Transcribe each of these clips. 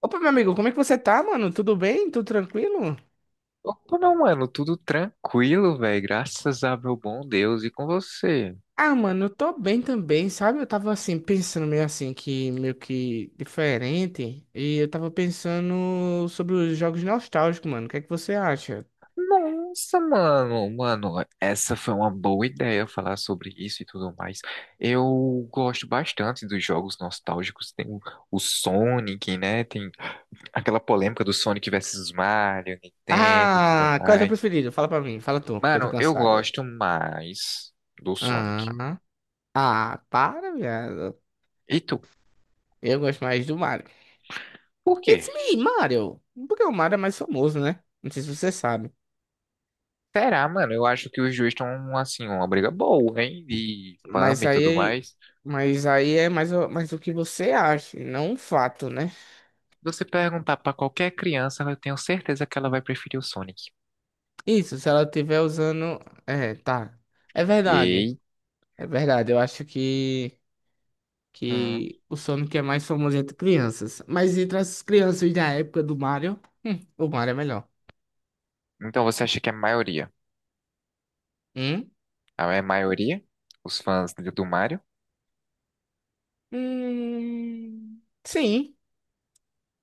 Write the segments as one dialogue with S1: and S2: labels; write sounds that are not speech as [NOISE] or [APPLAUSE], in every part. S1: Opa, meu amigo, como é que você tá, mano? Tudo bem? Tudo tranquilo?
S2: Opa, não, mano, tudo tranquilo, velho, graças a meu bom Deus e com você.
S1: Ah, mano, eu tô bem também, sabe? Eu tava assim, pensando meio assim, que meio que diferente. E eu tava pensando sobre os jogos nostálgicos, mano. O que é que você acha?
S2: Nossa, mano, essa foi uma boa ideia falar sobre isso e tudo mais. Eu gosto bastante dos jogos nostálgicos, tem o Sonic, né? Tem aquela polêmica do Sonic versus Mario, Nintendo e tudo
S1: Ah, qual é o teu
S2: mais.
S1: preferido? Fala pra mim, fala tu, que eu tô
S2: Mano, eu
S1: cansado.
S2: gosto mais do Sonic.
S1: Ah, ah, para, viado.
S2: E tu?
S1: Eu gosto mais do Mario.
S2: Por quê?
S1: It's me, Mario. Porque o Mario é mais famoso, né? Não sei se você sabe.
S2: Será, mano? Eu acho que os dois estão, assim, uma briga boa, hein? De fama
S1: Mas
S2: e tudo
S1: aí,
S2: mais.
S1: mas aí é mais, mais o que você acha, e não um fato, né?
S2: Você perguntar pra qualquer criança, eu tenho certeza que ela vai preferir o Sonic.
S1: Isso, se ela estiver usando. É, tá. É verdade.
S2: E...
S1: É verdade. Eu acho que,
S2: Hum.
S1: que o Sonic é mais famoso entre crianças. Mas entre as crianças da época do Mario, o Mario é melhor.
S2: Então você acha que é a maioria?
S1: Hum?
S2: Ah, é maioria? Os fãs do Mario?
S1: Sim,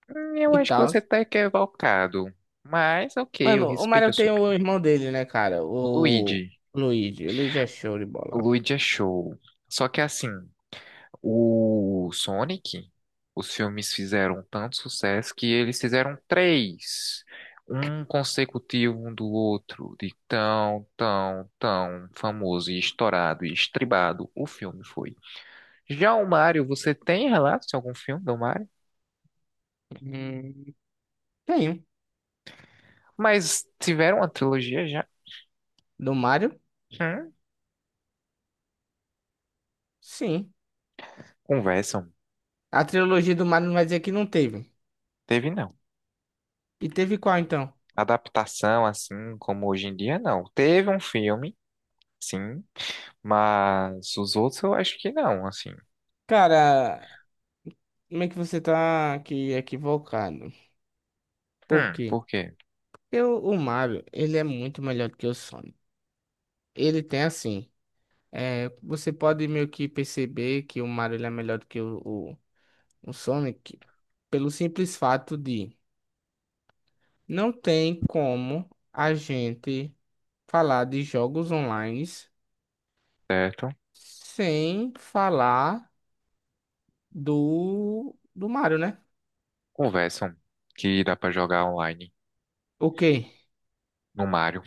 S2: Eu
S1: e
S2: acho que
S1: tal.
S2: você tá equivocado. Mas, ok, eu
S1: Mano, o
S2: respeito
S1: Mario
S2: a sua
S1: tem o
S2: opinião.
S1: irmão dele, né, cara?
S2: O
S1: O
S2: Luigi.
S1: Luigi. O Luigi é show de
S2: O
S1: bola.
S2: Luigi é show. Só que assim. O Sonic, os filmes fizeram tanto sucesso que eles fizeram três, um consecutivo um do outro, de tão famoso e estourado e estribado o filme foi. Já o Mario, você tem relatos de algum filme do Mario?
S1: Hum, tem.
S2: Mas tiveram uma trilogia já?
S1: Do Mario?
S2: Hum,
S1: Sim.
S2: conversam.
S1: A trilogia do Mario não vai dizer que não teve.
S2: Teve não.
S1: E teve qual então?
S2: Adaptação assim como hoje em dia, não. Teve um filme, sim, mas os outros eu acho que não, assim.
S1: Cara, como é que você tá aqui equivocado? Por quê?
S2: Por quê?
S1: Porque o Mario, ele é muito melhor do que o Sonic. Ele tem assim, é, você pode meio que perceber que o Mario ele é melhor do que o, o Sonic pelo simples fato de não tem como a gente falar de jogos online
S2: Certo?
S1: sem falar do Mario, né?
S2: Conversam que dá pra jogar online
S1: O quê?
S2: no Mario.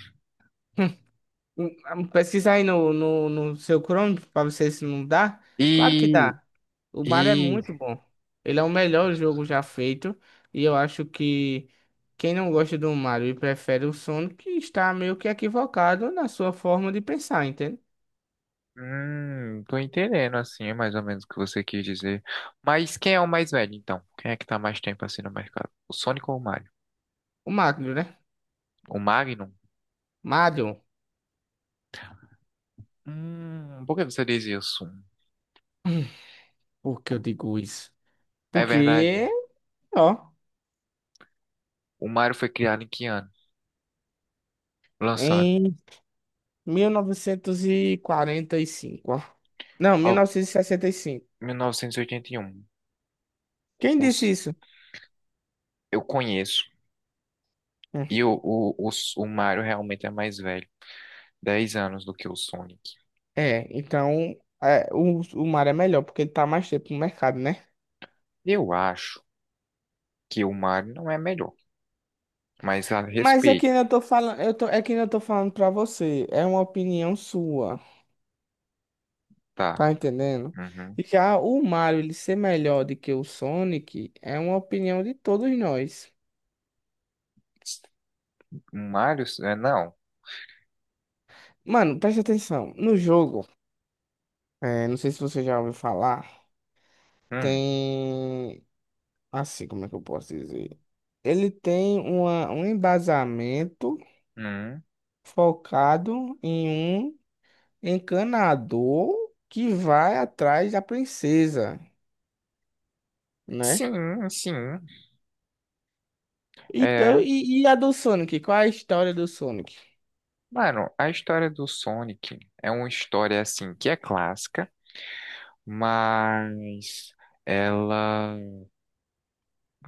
S1: Pesquisa aí no seu Chrome pra você se não dá. Claro que
S2: E,
S1: dá. O Mario é
S2: e,
S1: muito bom. Ele é o melhor jogo já feito. E eu acho que quem não gosta do Mario e prefere o Sonic está meio que equivocado na sua forma de pensar, entende?
S2: tô entendendo assim, é mais ou menos o que você quis dizer. Mas quem é o mais velho, então? Quem é que tá mais tempo assim no mercado? O Sonic ou o Mario?
S1: O Mario, né?
S2: O Magnum?
S1: Mario,
S2: Por que você diz isso?
S1: por que eu digo isso?
S2: É verdade.
S1: Porque, ó,
S2: O Mario foi criado em que ano? Lançado.
S1: em mil novecentos e quarenta e cinco, ó. Não, mil
S2: Ó,
S1: novecentos e sessenta e cinco.
S2: 1981.
S1: Quem disse
S2: Os,
S1: isso?
S2: eu conheço. E o Mario realmente é mais velho. 10 anos do que o Sonic.
S1: É, então é, o mar é melhor porque ele tá mais tempo no mercado, né?
S2: Eu acho. Que o Mario não é melhor, mas a
S1: Mas é que
S2: respeito,
S1: eu tô falando, eu tô, é que eu tô falando pra você, é uma opinião sua,
S2: tá?
S1: tá entendendo?
S2: Uhum.
S1: E já o Mario ele ser melhor do que o Sonic é uma opinião de todos nós.
S2: O Mario, é, não.
S1: Mano, preste atenção, no jogo, não sei se você já ouviu falar,
S2: Hum,
S1: tem assim, como é que eu posso dizer? Ele tem um embasamento
S2: hum.
S1: focado em um encanador que vai atrás da princesa, né?
S2: Sim, sim.
S1: Então,
S2: É,
S1: e a do Sonic? Qual é a história do Sonic?
S2: mano, a história do Sonic é uma história assim que é clássica, mas ela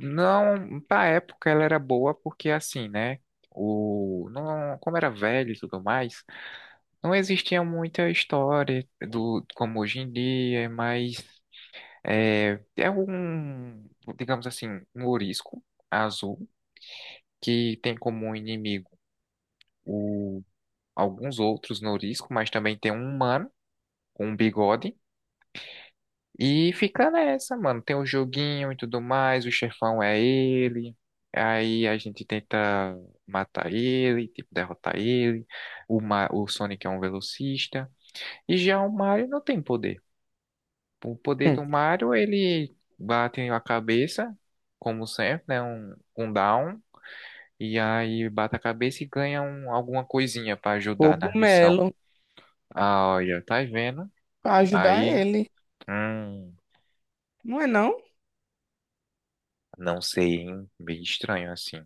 S2: não, pra época ela era boa porque assim, né? Não, como era velho e tudo mais, não existia muita história do como hoje em dia, mas é, é um, digamos assim, um ourisco azul que tem como inimigo o, alguns outros norisco, mas também tem um humano com um bigode. E fica nessa, mano. Tem o joguinho e tudo mais, o chefão é ele. Aí a gente tenta matar ele, tipo, derrotar ele. O Sonic é um velocista. E já o Mario não tem poder. O poder do
S1: Hum,
S2: Mario, ele bate a cabeça, como sempre, né? Um down. E aí bate a cabeça e ganha alguma coisinha pra ajudar na missão.
S1: Cogumelo
S2: Ah, olha, tá vendo?
S1: pra ajudar
S2: Aí,
S1: ele.
S2: hum,
S1: Não é não?
S2: não sei, hein? Meio estranho assim.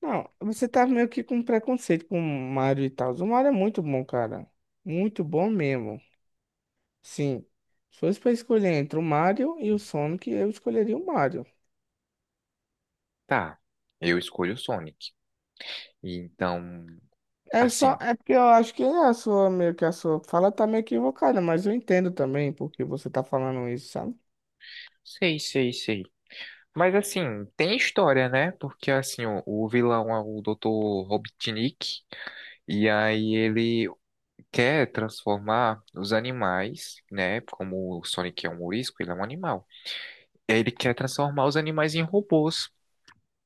S1: Não, você tá meio que com preconceito com o Mario e tal. O Mario é muito bom, cara. Muito bom mesmo. Sim. Se fosse pra escolher entre o Mario e o Sonic, eu escolheria o Mario.
S2: Tá, eu escolho o Sonic. E então,
S1: É
S2: assim,
S1: só, é porque eu acho que é a sua fala tá meio equivocada, mas eu entendo também porque você tá falando isso, sabe?
S2: sei. Mas assim, tem história, né? Porque assim, o vilão é o Dr. Robotnik. E aí ele quer transformar os animais, né? Como o Sonic é um morisco, ele é um animal. Ele quer transformar os animais em robôs.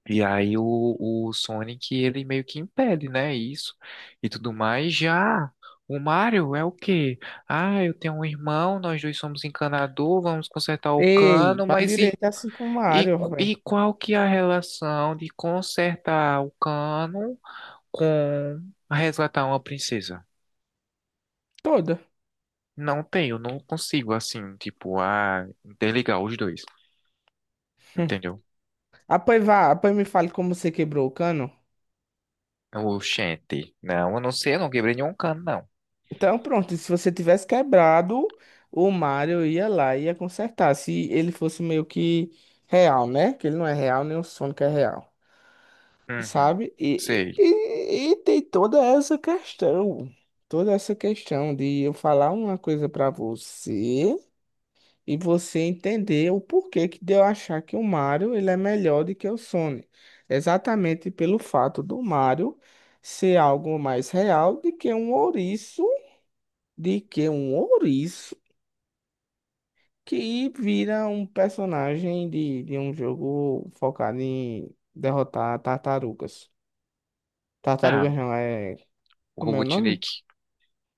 S2: E aí o, o Sonic, ele meio que impede, né? Isso e tudo mais. Já o Mario é o quê? Ah, eu tenho um irmão, nós dois somos encanador, vamos consertar o
S1: Ei,
S2: cano,
S1: fala direito é assim com o Mario, velho.
S2: qual que é a relação de consertar o cano com resgatar uma princesa?
S1: Toda.
S2: Não tenho, não consigo assim, tipo, ah, interligar os dois,
S1: [LAUGHS]
S2: entendeu?
S1: Apoi vá, apoi me fale como você quebrou o cano.
S2: Oxente, não, eu não sei, eu não quebrei nenhum cano, não.
S1: Então, pronto, se você tivesse quebrado, o Mario ia lá e ia consertar. Se ele fosse meio que real, né? Que ele não é real, nem o Sonic é real,
S2: Uhum,
S1: sabe? E,
S2: sei.
S1: e, e- e tem toda essa questão de eu falar uma coisa pra você. E você entender o porquê que de eu achar que o Mario ele é melhor do que o Sonic. Exatamente pelo fato do Mario ser algo mais real do que um ouriço, de que um ouriço que vira um personagem de um jogo focado em derrotar tartarugas.
S2: Ah,
S1: Tartarugas não, é... Como é o nome?
S2: Robotnik.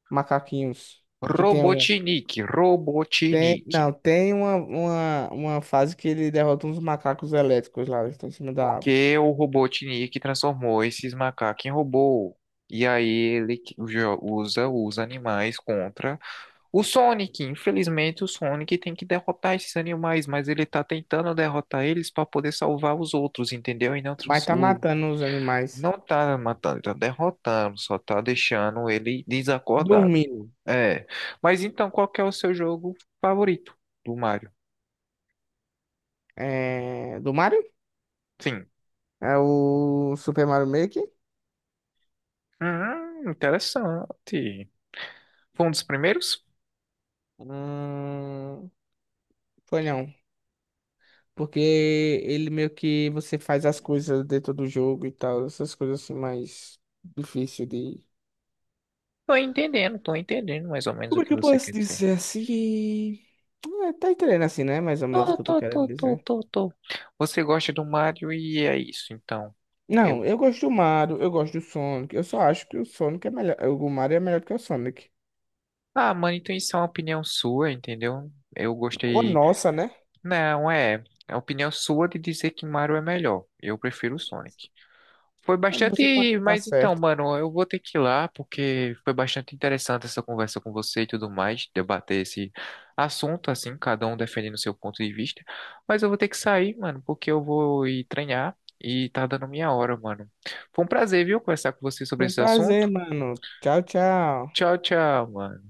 S1: Macaquinhos. Que tem um...
S2: Robotnik,
S1: Tem,
S2: Robotnik.
S1: não, tem uma fase que ele derrota uns macacos elétricos lá, eles estão em cima da árvore.
S2: Porque o Robotnik transformou esses macacos em robô. E aí ele usa os animais contra o Sonic. Infelizmente, o Sonic tem que derrotar esses animais, mas ele tá tentando derrotar eles para poder salvar os outros, entendeu?
S1: Vai estar matando os animais.
S2: Não tá matando, tá derrotando, só tá deixando ele desacordado.
S1: Dormindo.
S2: É. Mas então, qual que é o seu jogo favorito do Mario?
S1: É... Do Mario?
S2: Sim.
S1: É o Super Mario Maker?
S2: Interessante. Foi um dos primeiros?
S1: Hum... Foi não. Porque ele meio que você faz as coisas dentro do jogo e tal. Essas coisas assim mais difícil de...
S2: Tô entendendo mais ou menos o
S1: Como é
S2: que
S1: que eu
S2: você
S1: posso
S2: quer dizer.
S1: dizer assim? É, tá entendendo assim, né? Mais ou menos o
S2: Tô,
S1: que eu tô
S2: tô,
S1: querendo
S2: tô, tô,
S1: dizer.
S2: tô, tô. Você gosta do Mario e é isso, então.
S1: Não,
S2: Eu,
S1: eu gosto do Mario, eu gosto do Sonic. Eu só acho que o Sonic é melhor. O Mario é melhor que o Sonic.
S2: ah, mano, então isso é uma opinião sua, entendeu? Eu
S1: Ô,
S2: gostei.
S1: nossa, né?
S2: Não, é. É a opinião sua de dizer que Mario é melhor. Eu prefiro o Sonic. Foi
S1: É, você pode
S2: bastante.
S1: estar
S2: Mas então,
S1: certo.
S2: mano, eu vou ter que ir lá, porque foi bastante interessante essa conversa com você e tudo mais, debater esse assunto, assim, cada um defendendo o seu ponto de vista. Mas eu vou ter que sair, mano, porque eu vou ir treinar e tá dando minha hora, mano. Foi um prazer, viu, conversar com você sobre
S1: Foi um
S2: esse assunto.
S1: prazer, mano. Tchau, tchau.
S2: Tchau, tchau, mano.